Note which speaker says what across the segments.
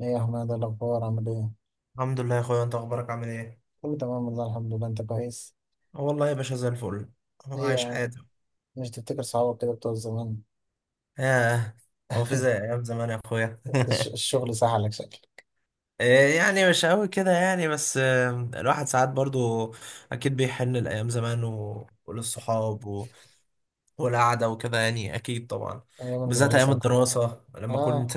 Speaker 1: ايه يا حماد، إيه الاخبار؟ عامل ايه؟
Speaker 2: الحمد لله يا اخويا، انت اخبارك عامل ايه؟
Speaker 1: كله تمام والله، الحمد لله. انت كويس؟
Speaker 2: اه والله يا باشا زي الفل. انا
Speaker 1: ايه يا
Speaker 2: عايش
Speaker 1: عم،
Speaker 2: حياتي.
Speaker 1: مش تفتكر صحابك كده بتوع زمان؟
Speaker 2: ياه. هو في زي ايام زمان يا اخويا؟
Speaker 1: الشغل سهلك شكل.
Speaker 2: إيه يعني، مش قوي كده يعني، بس الواحد ساعات برضو اكيد بيحن لايام زمان وللصحاب والقعده وكده يعني، اكيد طبعا.
Speaker 1: ايام
Speaker 2: بالذات ايام
Speaker 1: المدرسه وكده.
Speaker 2: الدراسه، لما كنت
Speaker 1: اه،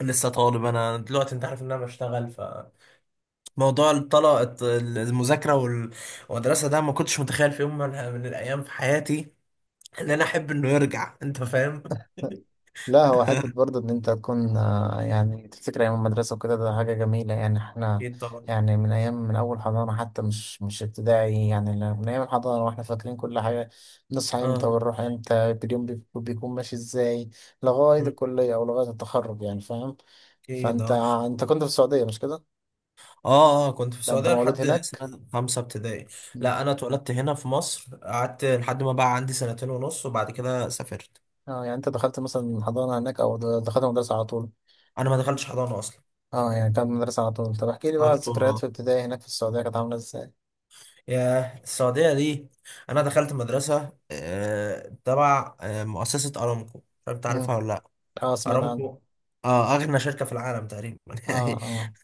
Speaker 2: لسه طالب. انا دلوقتي انت عارف ان انا بشتغل، موضوع الطلاق، المذاكره والمدرسه، ده ما كنتش متخيل في يوم من الايام في حياتي ان انا احب انه يرجع، انت فاهم.
Speaker 1: لا هو حتة برضه إن أنت تكون يعني تفتكر أيام المدرسة وكده، ده حاجة جميلة. يعني إحنا
Speaker 2: اكيد طبعا.
Speaker 1: يعني من أيام، من أول حضانة، حتى مش ابتدائي يعني، من أيام الحضانة وإحنا فاكرين كل حاجة. بنصحى إمتى
Speaker 2: اه.
Speaker 1: ونروح إمتى، اليوم بيكون ماشي إزاي لغاية
Speaker 2: مم.
Speaker 1: الكلية أو لغاية التخرج، يعني فاهم.
Speaker 2: اكيد
Speaker 1: فأنت،
Speaker 2: اه.
Speaker 1: أنت كنت في السعودية مش كده؟
Speaker 2: اه اه، كنت في
Speaker 1: لا أنت
Speaker 2: السعوديه
Speaker 1: مولود
Speaker 2: لحد
Speaker 1: هناك؟
Speaker 2: سنه خمسه ابتدائي.
Speaker 1: مم.
Speaker 2: لا انا اتولدت هنا في مصر، قعدت لحد ما بقى عندي سنتين ونص وبعد كده سافرت.
Speaker 1: أه، يعني أنت دخلت مثلا حضانة هناك أو دخلت مدرسة على طول؟
Speaker 2: انا ما دخلتش حضانه اصلا.
Speaker 1: أه، يعني كانت مدرسة على طول. طب احكي لي بقى
Speaker 2: على طول
Speaker 1: الذكريات
Speaker 2: اه.
Speaker 1: في ابتدائي هناك في السعودية كانت عاملة إزاي؟
Speaker 2: يا السعوديه دي، انا دخلت مدرسه تبع مؤسسه ارامكو، مش عارف تعرفها ولا لا؟
Speaker 1: اه، سمعت عنه.
Speaker 2: ارامكو، اه، اغنى شركه في العالم تقريبا.
Speaker 1: اه اه.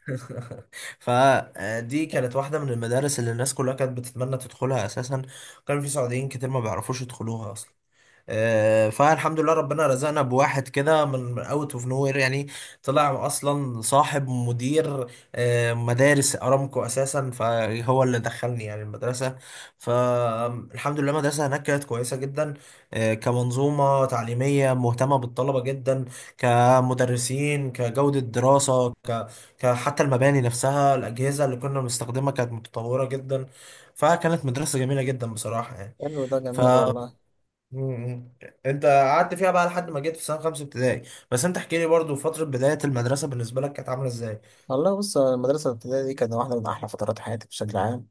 Speaker 2: فدي كانت واحدة من المدارس اللي الناس كلها كانت بتتمنى تدخلها أساسا. كان في سعوديين كتير ما بيعرفوش يدخلوها أصلا. فالحمد لله ربنا رزقنا بواحد كده من اوت اوف نو وير يعني، طلع اصلا صاحب مدير مدارس ارامكو اساسا، فهو اللي دخلني يعني المدرسه. فالحمد لله المدرسه هناك كانت كويسه جدا، كمنظومه تعليميه مهتمه بالطلبه جدا، كمدرسين، كجوده دراسه، حتى المباني نفسها، الاجهزه اللي كنا بنستخدمها كانت متطوره جدا. فكانت مدرسه جميله جدا بصراحه يعني.
Speaker 1: حلو، ده
Speaker 2: ف
Speaker 1: جميل
Speaker 2: آه.
Speaker 1: والله.
Speaker 2: مم. انت قعدت فيها بقى لحد ما جيت في سنه خمسه ابتدائي، بس انت احكي لي برضو فتره بدايه المدرسه بالنسبه لك كانت عامله ازاي؟
Speaker 1: والله بص، المدرسة الابتدائية دي كانت واحدة من أحلى فترات حياتي بشكل عام.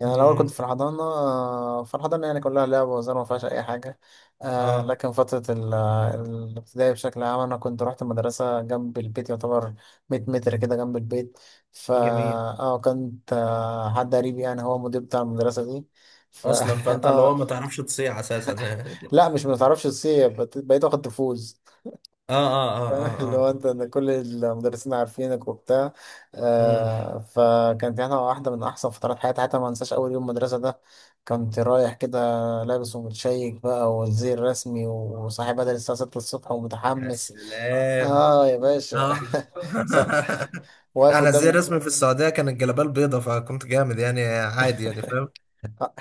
Speaker 1: يعني الأول كنت
Speaker 2: مم.
Speaker 1: في الحضانة، فالحضانة يعني كلها لعب وهزار، ما فيهاش أي حاجة. آه،
Speaker 2: اه.
Speaker 1: لكن فترة الابتدائي بشكل عام، أنا كنت رحت المدرسة جنب البيت يعتبر، 100 متر كده جنب البيت. فا
Speaker 2: جميل.
Speaker 1: اه، كنت حد قريب يعني، هو مدير بتاع المدرسة دي. ف
Speaker 2: اصلا فانت اللي هو
Speaker 1: اه،
Speaker 2: ما تعرفش تصيع اساسا.
Speaker 1: لا مش متعرفش تصيب، بقيت واخد تفوز.
Speaker 2: اه اه اه. اه
Speaker 1: اللي هو
Speaker 2: اه.
Speaker 1: انت ان كل المدرسين عارفينك وبتاع.
Speaker 2: مم.
Speaker 1: آه، فكانت هنا واحده من احسن فترات حياتي. حتى ما انساش اول يوم مدرسه ده، كنت رايح كده لابس ومتشيك بقى والزي الرسمي، وصاحي بدري الساعه 6 الصبح،
Speaker 2: يا
Speaker 1: ومتحمس.
Speaker 2: سلام.
Speaker 1: اه يا باشا.
Speaker 2: اه.
Speaker 1: ص- واقف
Speaker 2: انا زي
Speaker 1: قدام.
Speaker 2: رسمي في السعوديه كان الجلابيه البيضه، فكنت جامد يعني عادي يعني، فاهم؟
Speaker 1: آه،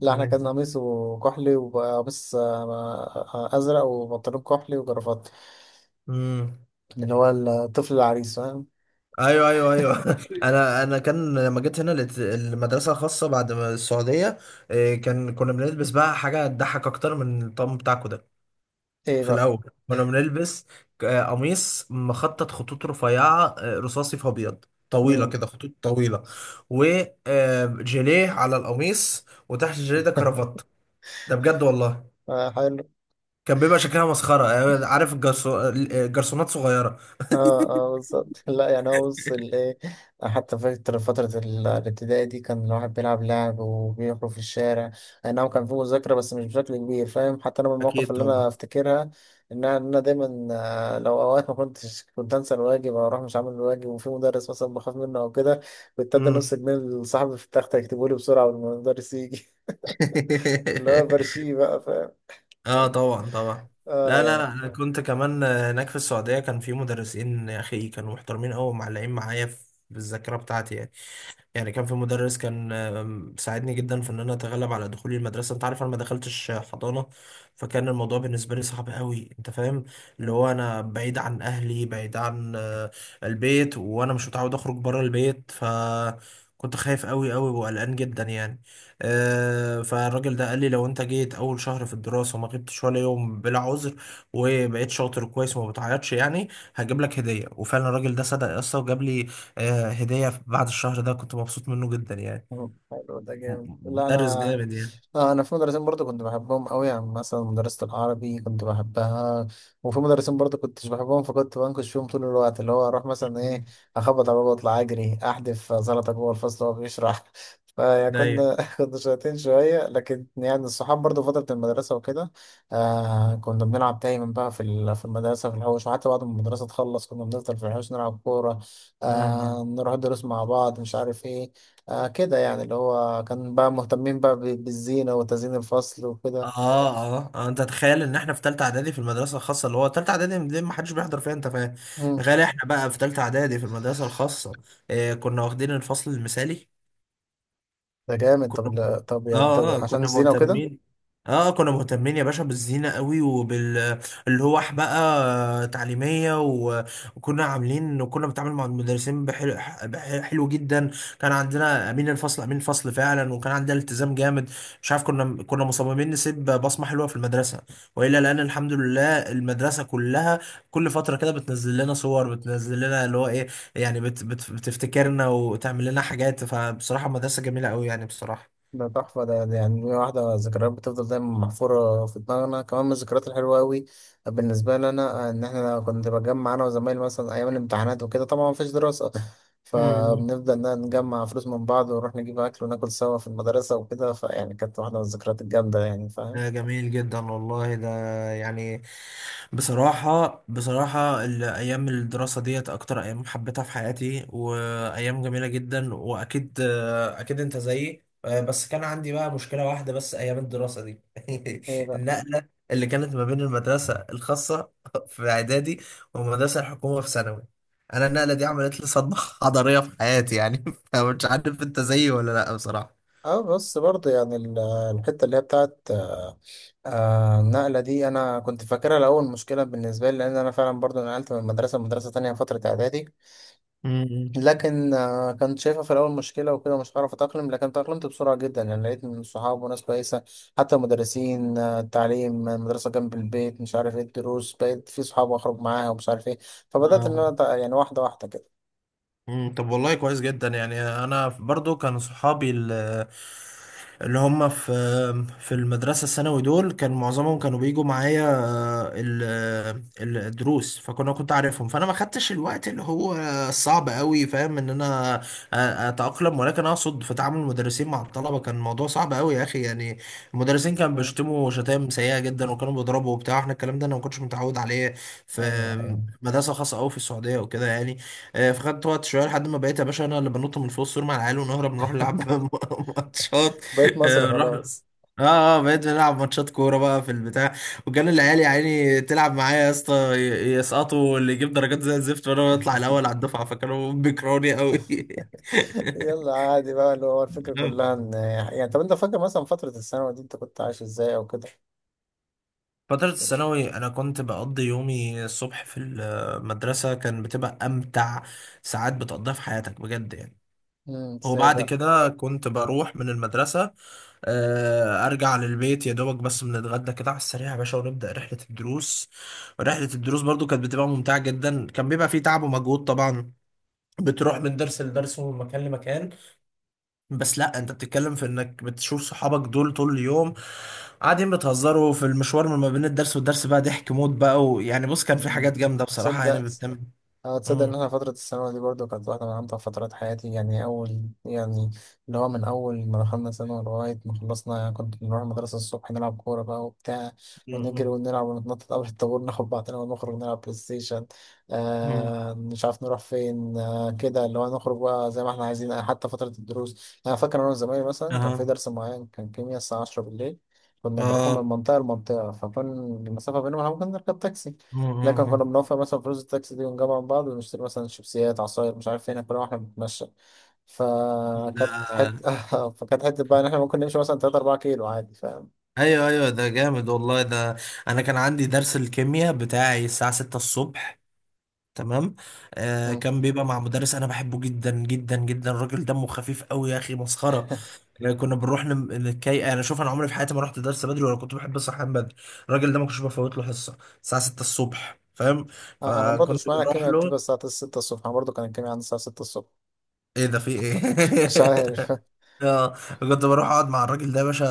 Speaker 1: لا احنا كان قميصه كحلي، وقميص ازرق، وبنطلون كحلي، وجرافات،
Speaker 2: مم.
Speaker 1: اللي هو الطفل العريس فاهم.
Speaker 2: ايوه ايوه ايوه. انا كان لما جيت هنا لقيت المدرسه الخاصه بعد ما السعوديه، كان كنا بنلبس بقى حاجه تضحك اكتر من الطقم بتاعكو ده.
Speaker 1: ايه
Speaker 2: في
Speaker 1: بقى.
Speaker 2: الاول كنا بنلبس قميص مخطط خطوط رفيعه، رصاصي في ابيض، طويله كده خطوط طويله، وجيليه على القميص، وتحت الجيليه ده كرافات. ده بجد والله.
Speaker 1: امم.
Speaker 2: كان بيبقى شكلها مسخره، عارف الجرسونات صغيره.
Speaker 1: اه اه بالظبط. لا يعني هو بص الايه، حتى فاكر فترة الابتدائي دي كان الواحد بيلعب لعب وبيخرج في الشارع. اي نعم كان في مذاكرة بس مش بشكل كبير، فاهم. حتى انا من المواقف
Speaker 2: اكيد
Speaker 1: اللي انا
Speaker 2: طبعا.
Speaker 1: افتكرها ان انا إن أنا دايما، لو اوقات ما كنتش، كنت انسى الواجب او اروح مش عامل الواجب، وفي مدرس مثلا بخاف منه او كده، كنت ادي
Speaker 2: مم.
Speaker 1: نص جنيه لصاحبي في التخت يكتبه لي بسرعة والمدرس يجي. اللي هو برشيه بقى، فاهم.
Speaker 2: اه طبعا طبعا.
Speaker 1: اه
Speaker 2: لا لا
Speaker 1: يعني.
Speaker 2: لا، انا كنت كمان هناك في السعوديه كان في مدرسين يا اخي كانوا محترمين قوي، ومعلقين معايا في في الذاكره بتاعتي يعني. يعني كان في مدرس كان ساعدني جدا في ان انا اتغلب على دخولي المدرسه، انت عارف انا ما دخلتش حضانه، فكان الموضوع بالنسبه لي صعب قوي، انت فاهم. اللي هو انا بعيد عن اهلي، بعيد عن البيت، وانا مش متعود اخرج بره البيت، كنت خايف قوي قوي وقلقان جدا يعني. فالراجل ده قال لي لو انت جيت اول شهر في الدراسه وما غبتش ولا يوم بلا عذر، وبقيت شاطر كويس وما بتعيطش يعني، هجيب لك هديه. وفعلا الراجل ده صدق يا اسطى وجاب لي هدية بعد الشهر ده، كنت مبسوط منه جدا يعني.
Speaker 1: مم. حلو، ده جامد. لا انا
Speaker 2: مدرس جامد يعني.
Speaker 1: انا في مدرسين برضو كنت بحبهم قوي، يعني مثلا مدرسة العربي كنت بحبها. وفي مدرسين برضو كنتش بحبهم، فكنت بنكش فيهم طول الوقت، اللي هو اروح مثلا ايه، اخبط على بابا، اطلع اجري، احدف زلطه جوه الفصل وهو بيشرح. فيعني
Speaker 2: مم. ايوه.
Speaker 1: كنا كنا شاطرين شويه. لكن يعني الصحاب برضو فتره المدرسه وكده، آه كنا بنلعب دايما بقى في في المدرسه في الحوش، وحتى بعد ما المدرسه تخلص كنا بنفضل في الحوش نلعب كوره. آه،
Speaker 2: امم.
Speaker 1: نروح دروس مع بعض، مش عارف ايه. آه كده يعني، اللي هو كان بقى مهتمين بقى بالزينة وتزيين الفصل
Speaker 2: اه
Speaker 1: وكده.
Speaker 2: اه. انت تخيل ان احنا في تالتة اعدادي في المدرسة الخاصة، اللي هو تالتة اعدادي دي ما حدش بيحضر فيها، انت فاهم؟
Speaker 1: مم.
Speaker 2: تخيل احنا بقى في تالتة اعدادي في المدرسة الخاصة آه كنا واخدين الفصل المثالي.
Speaker 1: ده جامد. طب
Speaker 2: كنا،
Speaker 1: لا- طب يعني طب
Speaker 2: اه اه
Speaker 1: عشان
Speaker 2: كنا
Speaker 1: الزينة وكده.
Speaker 2: مهتمين، اه كنا مهتمين يا باشا بالزينة قوي، وبال اللوح بقى تعليمية وكنا عاملين، وكنا بنتعامل مع المدرسين بحلو، بح- حلو جدا. كان عندنا أمين الفصل، أمين الفصل فعلا. وكان عندنا التزام جامد، مش عارف، كنا مصممين نسيب بصمة حلوة في المدرسة وإلا لأن الحمد لله المدرسة كلها كل فترة كده بتنزل لنا صور، بتنزل لنا اللي هو إيه، يعني بت بت بتفتكرنا وتعمل لنا حاجات. فبصراحة مدرسة جميلة قوي يعني بصراحة.
Speaker 1: ده تحفة، ده يعني، دي واحدة ذكريات بتفضل دايما محفورة في دماغنا، كمان من الذكريات الحلوة أوي بالنسبة لنا. إن إحنا كنت بجمع أنا وزمايلي مثلا أيام الامتحانات وكده، طبعا مفيش دراسة،
Speaker 2: مم.
Speaker 1: فبنفضل نجمع فلوس من بعض ونروح نجيب أكل وناكل سوا في المدرسة وكده. فيعني كانت واحدة من الذكريات الجامدة يعني، فاهم.
Speaker 2: ده جميل جدا والله ده يعني. بصراحة بصراحة الأيام الدراسة ديت أكتر أيام حبيتها في حياتي، وأيام جميلة جدا، وأكيد أكيد أنت زيي، بس كان عندي بقى مشكلة واحدة بس أيام الدراسة دي.
Speaker 1: إيه بقى.
Speaker 2: النقلة اللي كانت ما بين المدرسة الخاصة في إعدادي والمدرسة الحكومة في ثانوي، أنا النقلة دي عملت لي صدمة حضارية في حياتي يعني. فمش عارف أنت زيي ولا لأ بصراحة.
Speaker 1: اه بس برضه يعني الحتة اللي هي بتاعت النقلة دي أنا كنت فاكرها الأول مشكلة بالنسبة لي، لأن أنا فعلا برضه نقلت من مدرسة لمدرسة تانية فترة إعدادي.
Speaker 2: امم.
Speaker 1: لكن كنت شايفها في الأول مشكلة وكده، مش هعرف أتأقلم، لكن تأقلمت بسرعة جدا يعني، لقيت من صحاب وناس كويسة. حتى مدرسين، التعليم، المدرسة جنب البيت، مش عارف إيه، الدروس بقيت في صحاب أخرج معاها ومش عارف إيه. فبدأت إن أنا يعني واحدة واحدة كده.
Speaker 2: مم، طب والله كويس جدا يعني. انا برضو كان صحابي اللي هم في في المدرسه الثانوي دول كان معظمهم كانوا بيجوا معايا الدروس، فكنا، كنت عارفهم، فانا ما خدتش الوقت اللي هو صعب قوي فاهم ان انا اتاقلم. ولكن اقصد في تعامل المدرسين مع الطلبه كان الموضوع صعب قوي يا اخي يعني. المدرسين كانوا
Speaker 1: مم.
Speaker 2: بيشتموا شتائم سيئه جدا، وكانوا بيضربوا وبتاع، احنا الكلام ده انا ما كنتش متعود عليه في
Speaker 1: أيوه أيوه.
Speaker 2: مدرسه خاصه قوي في السعوديه وكده يعني. فخدت وقت شويه لحد ما بقيت يا باشا انا اللي بنط من فوق السور مع العيال ونهرب نروح نلعب ماتشات.
Speaker 1: بقيت مصري
Speaker 2: نروح،
Speaker 1: خلاص.
Speaker 2: اه اه بقيت بنلعب ماتشات كوره بقى في البتاع. وكان العيال يا عيني تلعب معايا يا اسطى، يسقطوا واللي يجيب درجات زي الزفت، وانا بطلع الاول على الدفعه، فكانوا بيكرهوني قوي.
Speaker 1: يلا عادي بقى، اللي هو الفكرة كلها ان يعني، طب انت فاكر مثلا فترة الثانوي دي انت كنت عايش ازاي او كده؟
Speaker 2: فترة الثانوي أنا كنت بقضي يومي الصبح في المدرسة، كان بتبقى أمتع ساعات بتقضيها في حياتك بجد يعني.
Speaker 1: امم، ازاي
Speaker 2: وبعد
Speaker 1: بقى؟
Speaker 2: كده كنت بروح من المدرسة، أرجع للبيت يا دوبك، بس بنتغدى كده على السريع يا باشا ونبدأ رحلة الدروس. رحلة الدروس برضو كانت بتبقى ممتعة جدا، كان بيبقى فيه تعب ومجهود طبعا، بتروح من درس لدرس ومن مكان لمكان، بس لا انت بتتكلم في انك بتشوف صحابك دول طول اليوم قاعدين بتهزروا في المشوار ما بين الدرس والدرس، بقى ضحك موت بقى ويعني بص كان في
Speaker 1: امم.
Speaker 2: حاجات جامدة بصراحة يعني
Speaker 1: تصدق،
Speaker 2: بتتم.
Speaker 1: اه تصدق ان
Speaker 2: مم.
Speaker 1: انا فترة الثانوي دي برضو كانت واحدة من امتع فترات حياتي يعني. اول يعني، اللي هو من اول ما دخلنا ثانوي لغاية ما خلصنا يعني، كنت بنروح المدرسة الصبح، نلعب كورة بقى وبتاع، ونجري
Speaker 2: مم.
Speaker 1: ونلعب ونتنطط قبل الطابور، ناخد بعضنا ونخرج نلعب بلاي ستيشن.
Speaker 2: مم.
Speaker 1: آه مش عارف نروح فين، آه كده، اللي هو نخرج بقى زي ما احنا عايزين. حتى فترة الدروس انا فاكر انا وزمايلي مثلا، كان في
Speaker 2: اها.
Speaker 1: درس معين كان كيمياء الساعة 10 بالليل، كنا بنروح من
Speaker 2: اه.
Speaker 1: منطقة لمنطقة، فكان المسافة بينهم ممكن نركب تاكسي،
Speaker 2: مم.
Speaker 1: لكن كنا
Speaker 2: مم.
Speaker 1: بنوفر مثلا فلوس التاكسي دي ونجمع من بعض ونشتري مثلا شيبسيات، عصاير، مش عارف ايه، ناكلها واحنا بنتمشى.
Speaker 2: مم.
Speaker 1: فكانت
Speaker 2: ده
Speaker 1: حتة فكانت حتة بقى ان احنا ممكن نمشي مثلا 3 4 كيلو عادي، فاهم.
Speaker 2: ايوه ايوه ده جامد والله ده. انا كان عندي درس الكيمياء بتاعي الساعة 6 الصبح. تمام. آه
Speaker 1: مم.
Speaker 2: كان بيبقى مع مدرس انا بحبه جدا جدا جدا، الراجل دمه خفيف قوي يا اخي، مسخرة. كنا بنروح نتكي. انا شوف، انا عمري في حياتي ما رحت درس بدري ولا كنت بحب الصحيان بدري. الراجل ده ما كنتش بفوت له حصة الساعة 6 الصبح، فاهم؟
Speaker 1: انا برضو
Speaker 2: فكنت
Speaker 1: مش معنى
Speaker 2: بروح
Speaker 1: الكيمياء بتبقى
Speaker 2: له.
Speaker 1: الساعة 6 الصبح، انا برضو كان الكيمياء عندي الساعة 6 الصبح.
Speaker 2: ايه ده في ايه؟
Speaker 1: مش عارف.
Speaker 2: اه كنت بروح اقعد مع الراجل ده يا باشا،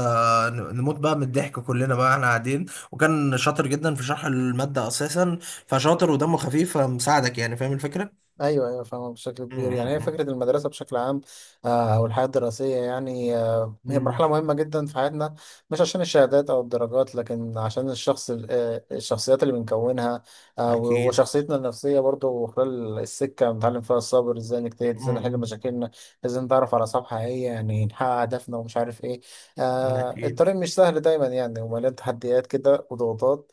Speaker 2: نموت بقى من الضحك كلنا بقى احنا قاعدين. وكان شاطر جدا في شرح المادة اساسا، فشاطر ودمه خفيف فمساعدك يعني، فاهم الفكرة؟
Speaker 1: ايوه ايوه فاهمة. بشكل كبير يعني، هي
Speaker 2: امم.
Speaker 1: فكره المدرسه بشكل عام او الحياه الدراسيه يعني، هي مرحله
Speaker 2: امم.
Speaker 1: مهمه جدا في حياتنا، مش عشان الشهادات او الدرجات، لكن عشان الشخصيات اللي بنكونها،
Speaker 2: اكيد.
Speaker 1: وشخصيتنا النفسيه برضو، خلال السكه بنتعلم فيها الصبر، ازاي نجتهد، ازاي نحل
Speaker 2: امم.
Speaker 1: مشاكلنا، ازاي نتعرف على اصحاب حقيقيه يعني، نحقق هدفنا ومش عارف ايه.
Speaker 2: اكيد.
Speaker 1: الطريق مش سهل دايما يعني، ومليان تحديات كده وضغوطات.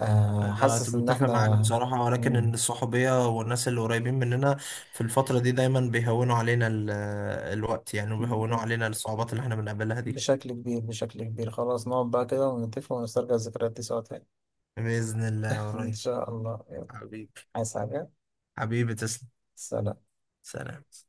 Speaker 2: انا
Speaker 1: حاسس ان
Speaker 2: متفق معاك
Speaker 1: احنا.
Speaker 2: بصراحة، ولكن ان الصحوبية والناس اللي قريبين مننا في الفترة دي دايما بيهونوا علينا الوقت يعني، وبيهونوا
Speaker 1: مم.
Speaker 2: علينا الصعوبات اللي احنا بنقابلها دي.
Speaker 1: بشكل كبير، بشكل كبير. خلاص نقعد بقى كده ونتفق ونسترجع الذكريات دي سوا تاني.
Speaker 2: بإذن الله
Speaker 1: إن
Speaker 2: قريب.
Speaker 1: شاء الله، يلا.
Speaker 2: حبيبي.
Speaker 1: عايز حاجة.
Speaker 2: حبيبي تسلم.
Speaker 1: سلام.
Speaker 2: سلام.